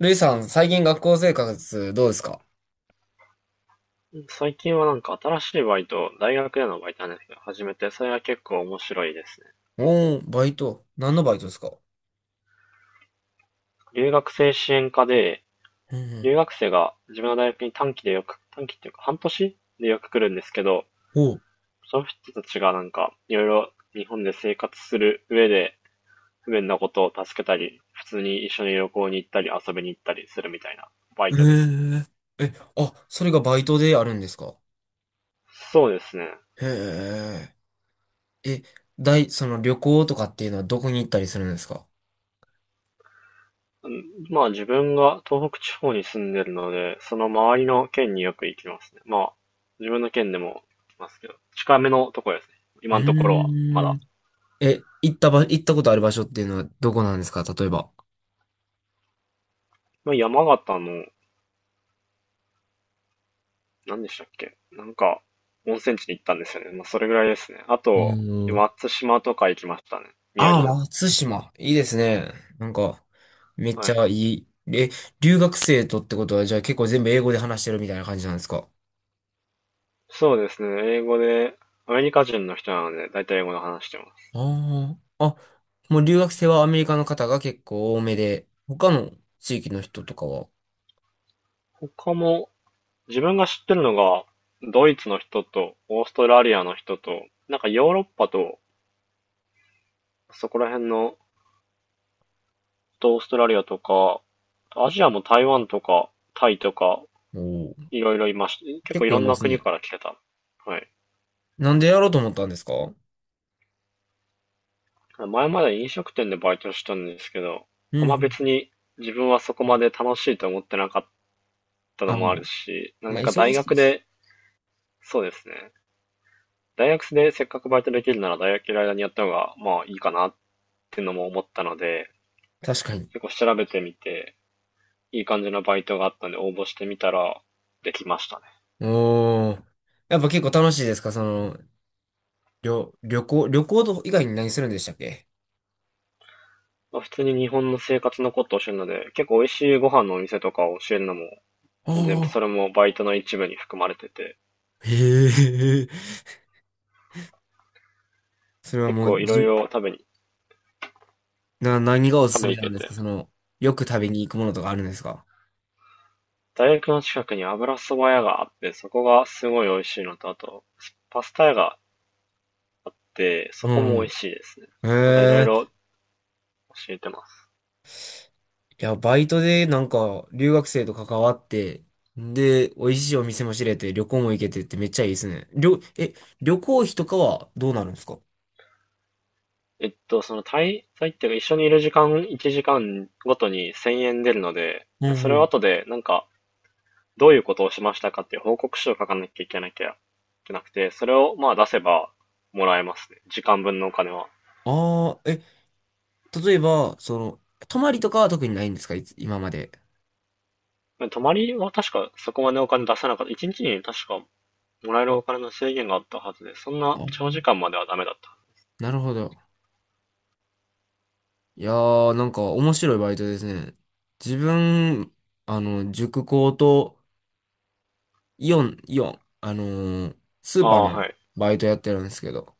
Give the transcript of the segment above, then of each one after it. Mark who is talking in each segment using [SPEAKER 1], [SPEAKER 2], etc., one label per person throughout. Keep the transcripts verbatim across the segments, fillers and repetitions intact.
[SPEAKER 1] ルイさん、最近学校生活どうですか？
[SPEAKER 2] うん、最近はなんか新しいバイト、大学でのバイトなんですけど、始めて、それが結構面白いですね。
[SPEAKER 1] おー、バイト。何のバイトですか？
[SPEAKER 2] 留学生支援課で、
[SPEAKER 1] う
[SPEAKER 2] 留
[SPEAKER 1] ん
[SPEAKER 2] 学生が自分の大学に短期でよく、短期っていうか半年でよく来るんですけど、
[SPEAKER 1] うん。おー、
[SPEAKER 2] その人たちがなんかいろいろ日本で生活する上で不便なことを助けたり、普通に一緒に旅行に行ったり遊びに行ったりするみたいなバ
[SPEAKER 1] え
[SPEAKER 2] イトですね。
[SPEAKER 1] ー、え、あ、それがバイトであるんですか？
[SPEAKER 2] そうですね。
[SPEAKER 1] へえ。え、大、その旅行とかっていうのはどこに行ったりするんですか？
[SPEAKER 2] まあ自分が東北地方に住んでるので、その周りの県によく行きますね。まあ自分の県でも行きますけど、近めのところですね。
[SPEAKER 1] う
[SPEAKER 2] 今のところはま
[SPEAKER 1] ー
[SPEAKER 2] だ。
[SPEAKER 1] ん。え、行ったば、行ったことある場所っていうのはどこなんですか、例えば。
[SPEAKER 2] まあ山形の、何でしたっけ、なんか温泉地に行ったんですよね。まあそれぐらいですね。あ
[SPEAKER 1] お
[SPEAKER 2] と、
[SPEAKER 1] ー。
[SPEAKER 2] 松島とか行きましたね。宮
[SPEAKER 1] ああ、
[SPEAKER 2] 城の。
[SPEAKER 1] 松島。いいですね。なんか、めっ
[SPEAKER 2] は
[SPEAKER 1] ち
[SPEAKER 2] い。
[SPEAKER 1] ゃいい。え、留学生とってことは、じゃあ結構全部英語で話してるみたいな感じなんですか？
[SPEAKER 2] そうですね。英語で、アメリカ人の人なので、だいたい英語で話してます。
[SPEAKER 1] ああ。あ、もう留学生はアメリカの方が結構多めで、他の地域の人とかは、
[SPEAKER 2] 他も、自分が知ってるのが、ドイツの人と、オーストラリアの人と、なんかヨーロッパと、そこら辺の、オーストラリアとか、アジアも台湾とか、タイとか、
[SPEAKER 1] おー、
[SPEAKER 2] いろいろいました。結
[SPEAKER 1] 結
[SPEAKER 2] 構い
[SPEAKER 1] 構い
[SPEAKER 2] ろん
[SPEAKER 1] ま
[SPEAKER 2] な
[SPEAKER 1] す
[SPEAKER 2] 国
[SPEAKER 1] ね。
[SPEAKER 2] から来てた。はい。
[SPEAKER 1] なんでやろうと思ったんですか？うん
[SPEAKER 2] 前まで飲食店でバイトしてたんですけど、
[SPEAKER 1] う
[SPEAKER 2] あんま
[SPEAKER 1] ん。
[SPEAKER 2] 別に自分はそこまで楽しいと思ってなかった
[SPEAKER 1] あ
[SPEAKER 2] の
[SPEAKER 1] あ、
[SPEAKER 2] もあるし、な
[SPEAKER 1] ま
[SPEAKER 2] ん
[SPEAKER 1] あ
[SPEAKER 2] か
[SPEAKER 1] 忙
[SPEAKER 2] 大
[SPEAKER 1] しい
[SPEAKER 2] 学
[SPEAKER 1] し。
[SPEAKER 2] で、そうですね。大学でせっかくバイトできるなら大学いる間にやった方が、まあいいかなっていうのも思ったので、
[SPEAKER 1] 確かに。
[SPEAKER 2] 結構調べてみて、いい感じのバイトがあったんで応募してみたら、できましたね。
[SPEAKER 1] おー。やっぱ結構楽しいですか、その、旅、旅行、旅行と以外に何するんでしたっけ？
[SPEAKER 2] まあ、普通に日本の生活のことを教えるので、結構美味しいご飯のお店とかを教えるのも、全然そ
[SPEAKER 1] ああ
[SPEAKER 2] れもバイトの一部に含まれてて、
[SPEAKER 1] ー、へえ。それは
[SPEAKER 2] 結
[SPEAKER 1] もう、
[SPEAKER 2] 構い
[SPEAKER 1] じ
[SPEAKER 2] ろい
[SPEAKER 1] ゅ、
[SPEAKER 2] ろ食べに、
[SPEAKER 1] な、何がおす
[SPEAKER 2] 食
[SPEAKER 1] す
[SPEAKER 2] べ
[SPEAKER 1] め
[SPEAKER 2] 行
[SPEAKER 1] な
[SPEAKER 2] け
[SPEAKER 1] んです
[SPEAKER 2] て、
[SPEAKER 1] か、その、よく食べに行くものとかあるんですか？
[SPEAKER 2] 大学の近くに油そば屋があって、そこがすごい美味しいのと、あと、パスタ屋があって、そ
[SPEAKER 1] う
[SPEAKER 2] こも美
[SPEAKER 1] ん。
[SPEAKER 2] 味しいですね。
[SPEAKER 1] へ
[SPEAKER 2] なんかいろい
[SPEAKER 1] え。
[SPEAKER 2] ろ教えてます。
[SPEAKER 1] いや、バイトでなんか留学生と関わって、で、美味しいお店も知れて、旅行も行けてってめっちゃいいですね。りょ、え、旅行費とかはどうなるんですか？
[SPEAKER 2] えっと、その滞在っていうか一緒にいる時間、いちじかんごとにせんえん出るので、
[SPEAKER 1] うん
[SPEAKER 2] それ
[SPEAKER 1] う
[SPEAKER 2] を
[SPEAKER 1] ん。
[SPEAKER 2] 後でなんか、どういうことをしましたかっていう報告書を書かなきゃいけなきゃいけなくて、それをまあ出せばもらえますね。時間分のお金は。
[SPEAKER 1] ああ、え、例えば、その、泊まりとかは特にないんですか、いつ、今まで。
[SPEAKER 2] 泊まりは確かそこまでお金出せなかった。いちにちにちに確かもらえるお金の制限があったはずで、そん
[SPEAKER 1] あ
[SPEAKER 2] な長時
[SPEAKER 1] ー、
[SPEAKER 2] 間まではダメだった。
[SPEAKER 1] なるほど。いやー、なんか面白いバイトですね。自分、あの、塾講と、イオン、イオン、あのース
[SPEAKER 2] あ
[SPEAKER 1] ーパー
[SPEAKER 2] あ、
[SPEAKER 1] の
[SPEAKER 2] はい。
[SPEAKER 1] バイトやってるんですけど、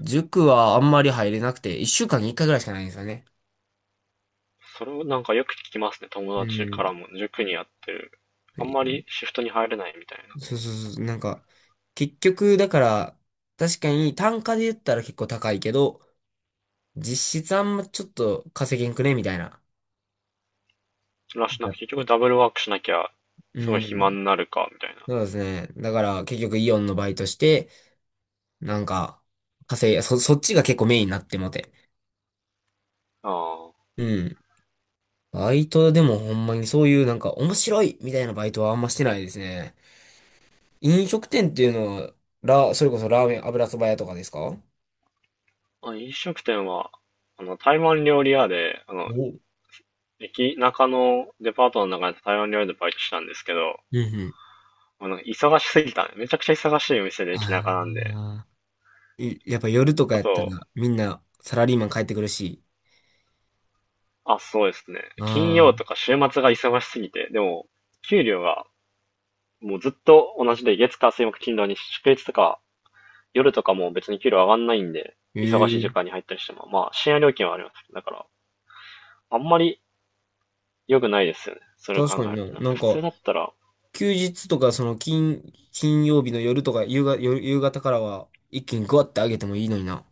[SPEAKER 1] 塾はあんまり入れなくて、一週間に一回ぐらいしかないんですよね。
[SPEAKER 2] それをなんかよく聞きますね。
[SPEAKER 1] う
[SPEAKER 2] 友達から
[SPEAKER 1] ん。
[SPEAKER 2] も塾にやってる。
[SPEAKER 1] は
[SPEAKER 2] あん
[SPEAKER 1] い。
[SPEAKER 2] まりシフトに入れないみたいな。
[SPEAKER 1] そうそうそう。なんか、結局、だから、確かに単価で言ったら結構高いけど、実質あんまちょっと稼げんくねみたいな。
[SPEAKER 2] らし、なくて結局ダブルワークしなきゃ、
[SPEAKER 1] う
[SPEAKER 2] すごい暇
[SPEAKER 1] ん。
[SPEAKER 2] になるか、みたいな。
[SPEAKER 1] そうですね。だから結局イオンのバイトして、なんか、稼い、そ、そっちが結構メインになってもて。
[SPEAKER 2] あ
[SPEAKER 1] うん。バイトでもほんまにそういうなんか面白いみたいなバイトはあんましてないですね。飲食店っていうのは、ラ、それこそラーメン、油そば屋とかですか？
[SPEAKER 2] あ。あ飲食店は、あの、台湾料理屋で、あ
[SPEAKER 1] お、
[SPEAKER 2] の、
[SPEAKER 1] うん
[SPEAKER 2] 駅中のデパートの中で台湾料理でバイトしたんですけど、
[SPEAKER 1] うん。
[SPEAKER 2] あの忙しすぎたね。めちゃくちゃ忙しいお店で駅
[SPEAKER 1] あ
[SPEAKER 2] 中なんで。
[SPEAKER 1] あ。いやっぱ夜とか
[SPEAKER 2] あ
[SPEAKER 1] やったら
[SPEAKER 2] と、
[SPEAKER 1] みんなサラリーマン帰ってくるし。
[SPEAKER 2] あ、そうですね。金
[SPEAKER 1] あ
[SPEAKER 2] 曜
[SPEAKER 1] あ、
[SPEAKER 2] とか週末が忙しすぎて、でも、給料がもうずっと同じで、月火水木金土に祝日とか、夜とかも別に給料上がんないんで、
[SPEAKER 1] え
[SPEAKER 2] 忙しい時
[SPEAKER 1] え、
[SPEAKER 2] 間に入ったりしても、まあ、深夜料金はあります。だから、あんまり良くないですよね。それを
[SPEAKER 1] 確
[SPEAKER 2] 考
[SPEAKER 1] かに
[SPEAKER 2] える
[SPEAKER 1] な。
[SPEAKER 2] と。なん
[SPEAKER 1] な
[SPEAKER 2] か
[SPEAKER 1] ん
[SPEAKER 2] 普
[SPEAKER 1] か、
[SPEAKER 2] 通だったら、
[SPEAKER 1] 休日とかその金、金曜日の夜とか夕が、夜夕方からは一気にグワってあげてもいいのにな。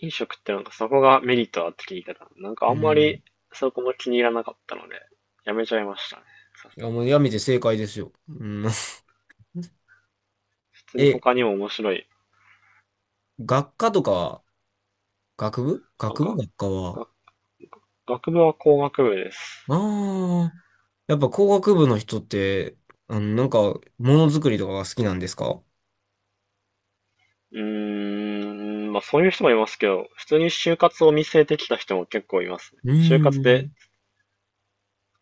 [SPEAKER 2] 飲食ってなんかそこがメリットあって聞いてた、なんかあ
[SPEAKER 1] う
[SPEAKER 2] んま
[SPEAKER 1] ん。
[SPEAKER 2] りそこも気に入らなかったので、やめちゃいましたね。さ
[SPEAKER 1] いや、もうやめて正解ですよ。うん。
[SPEAKER 2] 普通に
[SPEAKER 1] え、
[SPEAKER 2] 他にも面白い。
[SPEAKER 1] 学科とかは、学部
[SPEAKER 2] あ
[SPEAKER 1] 学部
[SPEAKER 2] 学、
[SPEAKER 1] 学科は、
[SPEAKER 2] 学、学部は工学部です。
[SPEAKER 1] ああ、やっぱ工学部の人って、あの、なんか、ものづくりとかが好きなんですか？
[SPEAKER 2] うーん、まあそういう人もいますけど、普通に就活を見据えてきた人も結構いますね。
[SPEAKER 1] う
[SPEAKER 2] 就活
[SPEAKER 1] ー
[SPEAKER 2] で
[SPEAKER 1] ん。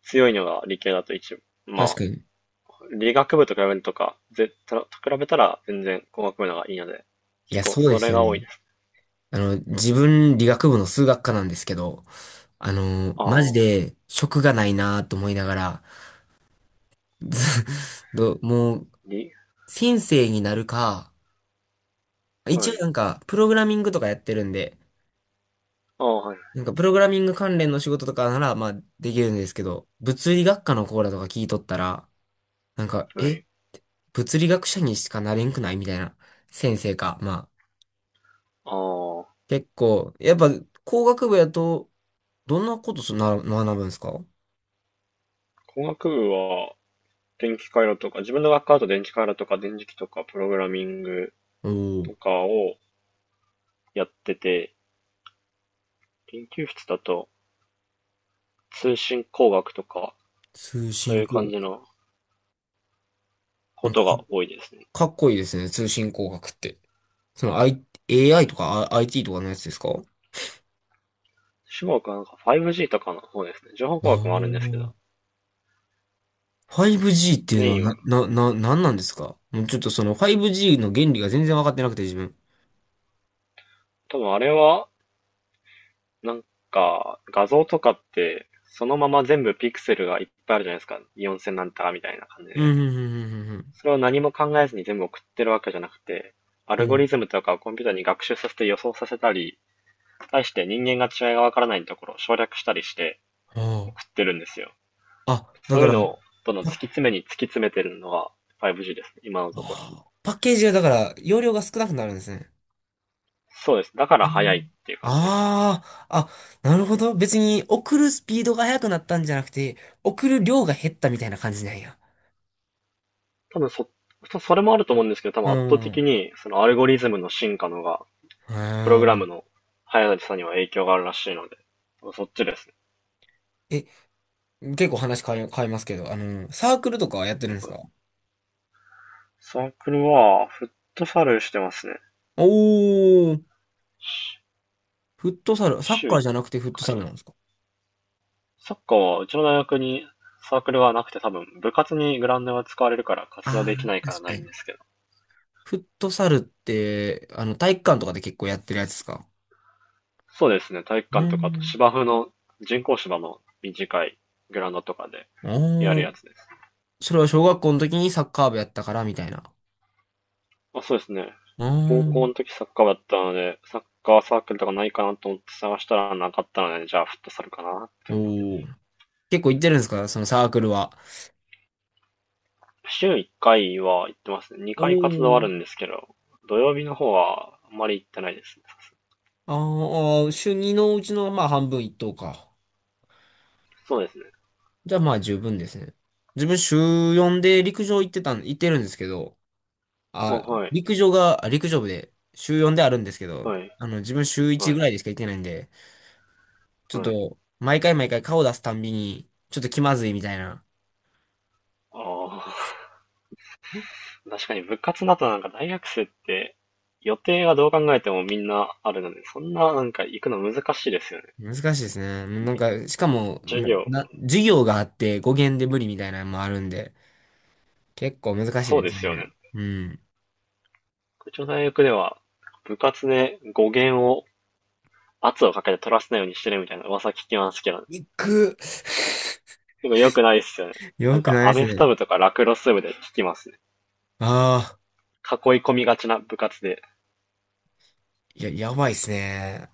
[SPEAKER 2] 強いのが理系だと一部。
[SPEAKER 1] 確
[SPEAKER 2] ま
[SPEAKER 1] かに。
[SPEAKER 2] あ、理学部と比べるとか、ぜ、と比べたら全然工学部の方がいいので、
[SPEAKER 1] い
[SPEAKER 2] 結
[SPEAKER 1] や、
[SPEAKER 2] 構
[SPEAKER 1] そうで
[SPEAKER 2] そ
[SPEAKER 1] す
[SPEAKER 2] れ
[SPEAKER 1] よ
[SPEAKER 2] が多い
[SPEAKER 1] ね。
[SPEAKER 2] です。
[SPEAKER 1] あの、自分、理学部の数学科なんですけど、あの、
[SPEAKER 2] あ
[SPEAKER 1] マジ
[SPEAKER 2] あ、
[SPEAKER 1] で、職がないなと思いながら、ず ど、もう、
[SPEAKER 2] り、
[SPEAKER 1] 先生になるか、一
[SPEAKER 2] は
[SPEAKER 1] 応
[SPEAKER 2] い。
[SPEAKER 1] なんか、プログラミングとかやってるんで、
[SPEAKER 2] ああ、はい、
[SPEAKER 1] なんか、プログラミング関連の仕事とかなら、まあ、できるんですけど、物理学科のコーラとか聞いとったら、なんか、
[SPEAKER 2] は
[SPEAKER 1] え、
[SPEAKER 2] い。
[SPEAKER 1] 物理学者にしかなれんくないみたいな先生か。まあ、
[SPEAKER 2] ああ、
[SPEAKER 1] 結構、やっぱ工学部やと、どんなことすな、学ぶんですかお？
[SPEAKER 2] 工学部は電気回路とか、自分の学科だと電気回路とか電磁気とかプログラミング
[SPEAKER 1] お
[SPEAKER 2] と
[SPEAKER 1] ー、
[SPEAKER 2] かをやってて、研究室だと通信工学とか、
[SPEAKER 1] 通
[SPEAKER 2] そう
[SPEAKER 1] 信
[SPEAKER 2] いう
[SPEAKER 1] 工
[SPEAKER 2] 感じ
[SPEAKER 1] 学。
[SPEAKER 2] の
[SPEAKER 1] な
[SPEAKER 2] こ
[SPEAKER 1] んか
[SPEAKER 2] と
[SPEAKER 1] か、
[SPEAKER 2] が多いですね。
[SPEAKER 1] かっこいいですね、通信工学って。その、I、エーアイ とかあ アイティー とかのやつですか？
[SPEAKER 2] 中国はなんか ファイブジー とかの方ですね。情報
[SPEAKER 1] あ
[SPEAKER 2] 工学もあるんですけ
[SPEAKER 1] ー、
[SPEAKER 2] ど、
[SPEAKER 1] ファイブジー っていう
[SPEAKER 2] メ
[SPEAKER 1] の
[SPEAKER 2] イ
[SPEAKER 1] は
[SPEAKER 2] ン
[SPEAKER 1] な、
[SPEAKER 2] は。
[SPEAKER 1] な、な、なんなんですか、もうちょっとその ファイブジー の原理が全然分かってなくて自分。
[SPEAKER 2] 多分あれは、なんか画像とかって、そのまま全部ピクセルがいっぱいあるじゃないですか。よんせんなんたらみたいな感じ
[SPEAKER 1] うん、
[SPEAKER 2] で。
[SPEAKER 1] うん、
[SPEAKER 2] それを何も考えずに全部送ってるわけじゃなくて、ア
[SPEAKER 1] うん、う
[SPEAKER 2] ル
[SPEAKER 1] ん、う
[SPEAKER 2] ゴ
[SPEAKER 1] ん。うん。うん、
[SPEAKER 2] リズムとかをコンピューターに学習させて予想させたり、対して人間が違いがわからないところを省略したりして
[SPEAKER 1] あ
[SPEAKER 2] 送ってるんですよ。
[SPEAKER 1] あ。あ、だ
[SPEAKER 2] そう
[SPEAKER 1] か
[SPEAKER 2] いう
[SPEAKER 1] ら、
[SPEAKER 2] のをどんどん突き
[SPEAKER 1] パ
[SPEAKER 2] 詰めに突き詰めてるのが ファイブジー ですね、今のところ。
[SPEAKER 1] はあパッケージがだから、容量が少なくなるんですね。
[SPEAKER 2] そうです。だか
[SPEAKER 1] う
[SPEAKER 2] ら早いっ
[SPEAKER 1] ん。
[SPEAKER 2] ていう感じですね。
[SPEAKER 1] ああ、あ、なるほど。別に送るスピードが速くなったんじゃなくて、送る量が減ったみたいな感じなんや。
[SPEAKER 2] 多分そ、それもあると思うんですけど、多
[SPEAKER 1] う
[SPEAKER 2] 分圧倒
[SPEAKER 1] ん。
[SPEAKER 2] 的
[SPEAKER 1] う
[SPEAKER 2] にそのアルゴリズムの進化のが、プロ
[SPEAKER 1] ー
[SPEAKER 2] グラム
[SPEAKER 1] ん。
[SPEAKER 2] の速さには影響があるらしいので、そっちですね。
[SPEAKER 1] え、結構話変え、変えますけど、あの、サークルとかはやってるんですか？
[SPEAKER 2] サークルはフットサルしてますね。
[SPEAKER 1] おー、フットサル、サッ
[SPEAKER 2] 週
[SPEAKER 1] カー
[SPEAKER 2] 一
[SPEAKER 1] じゃなくてフットサルな
[SPEAKER 2] 回。
[SPEAKER 1] んですか？
[SPEAKER 2] サッカーはうちの大学にサークルはなくて多分部活にグラウンドが使われるから活動
[SPEAKER 1] あ
[SPEAKER 2] でき
[SPEAKER 1] あ
[SPEAKER 2] ない
[SPEAKER 1] ー、
[SPEAKER 2] から
[SPEAKER 1] 確
[SPEAKER 2] な
[SPEAKER 1] か
[SPEAKER 2] いん
[SPEAKER 1] に。
[SPEAKER 2] ですけど。
[SPEAKER 1] フットサルって、あの、体育館とかで結構やってるやつですか？
[SPEAKER 2] そうですね、体育館
[SPEAKER 1] う
[SPEAKER 2] とかあと
[SPEAKER 1] ん。
[SPEAKER 2] 芝生の人工芝の短いグラウンドとかでやる
[SPEAKER 1] お
[SPEAKER 2] や
[SPEAKER 1] ー。
[SPEAKER 2] つです。
[SPEAKER 1] それは小学校の時にサッカー部やったからみたいな。
[SPEAKER 2] まあ、そうですね。
[SPEAKER 1] うー
[SPEAKER 2] 高校
[SPEAKER 1] ん。
[SPEAKER 2] の時サッカー部だったので、サッカーサークルとかないかなと思って探したらなかったので、じゃあフットサルかなって思って。
[SPEAKER 1] おー。結構行ってるんですかそのサークルは。
[SPEAKER 2] 週いっかいは行ってますね。
[SPEAKER 1] お
[SPEAKER 2] にかい活動あ
[SPEAKER 1] ー。
[SPEAKER 2] るんですけど、土曜日の方はあんまり行ってないですね。
[SPEAKER 1] あーあー、週にのうちのまあ半分一等か。
[SPEAKER 2] そうですね。
[SPEAKER 1] じゃあまあ十分ですね。自分週よんで陸上行ってたん、行ってるんですけど、
[SPEAKER 2] あ、
[SPEAKER 1] あ、
[SPEAKER 2] はい。
[SPEAKER 1] 陸上が、あ陸上部で週よんであるんですけど、
[SPEAKER 2] はい、
[SPEAKER 1] あの自分週いち
[SPEAKER 2] は
[SPEAKER 1] ぐ
[SPEAKER 2] い、
[SPEAKER 1] らいでしか行ってないんで、ちょっ
[SPEAKER 2] はい。
[SPEAKER 1] と毎回毎回顔出すたんびに、ちょっと気まずいみたいな。
[SPEAKER 2] ああ、確かに部活だとなんか大学生って予定はどう考えてもみんなあるので、そんななんか行くの難しいですよね。
[SPEAKER 1] 難しいですね。なんか、しかも、
[SPEAKER 2] 授
[SPEAKER 1] な、
[SPEAKER 2] 業、
[SPEAKER 1] な、授業があって語源で無理みたいなのもあるんで、結構難しい
[SPEAKER 2] そう
[SPEAKER 1] で
[SPEAKER 2] で
[SPEAKER 1] す
[SPEAKER 2] すよね。
[SPEAKER 1] ね。うん。
[SPEAKER 2] うちの大学では部活で語源を圧をかけて取らせないようにしてるみたいな噂聞きますけどね、
[SPEAKER 1] 行く。
[SPEAKER 2] でも良くないですよね。な
[SPEAKER 1] よ
[SPEAKER 2] ん
[SPEAKER 1] く
[SPEAKER 2] か
[SPEAKER 1] ないで
[SPEAKER 2] アメフ
[SPEAKER 1] す
[SPEAKER 2] ト
[SPEAKER 1] ね。
[SPEAKER 2] 部とかラクロス部で聞きますね。
[SPEAKER 1] ああ、
[SPEAKER 2] 囲い込みがちな部活で。
[SPEAKER 1] いや、やばいっすね。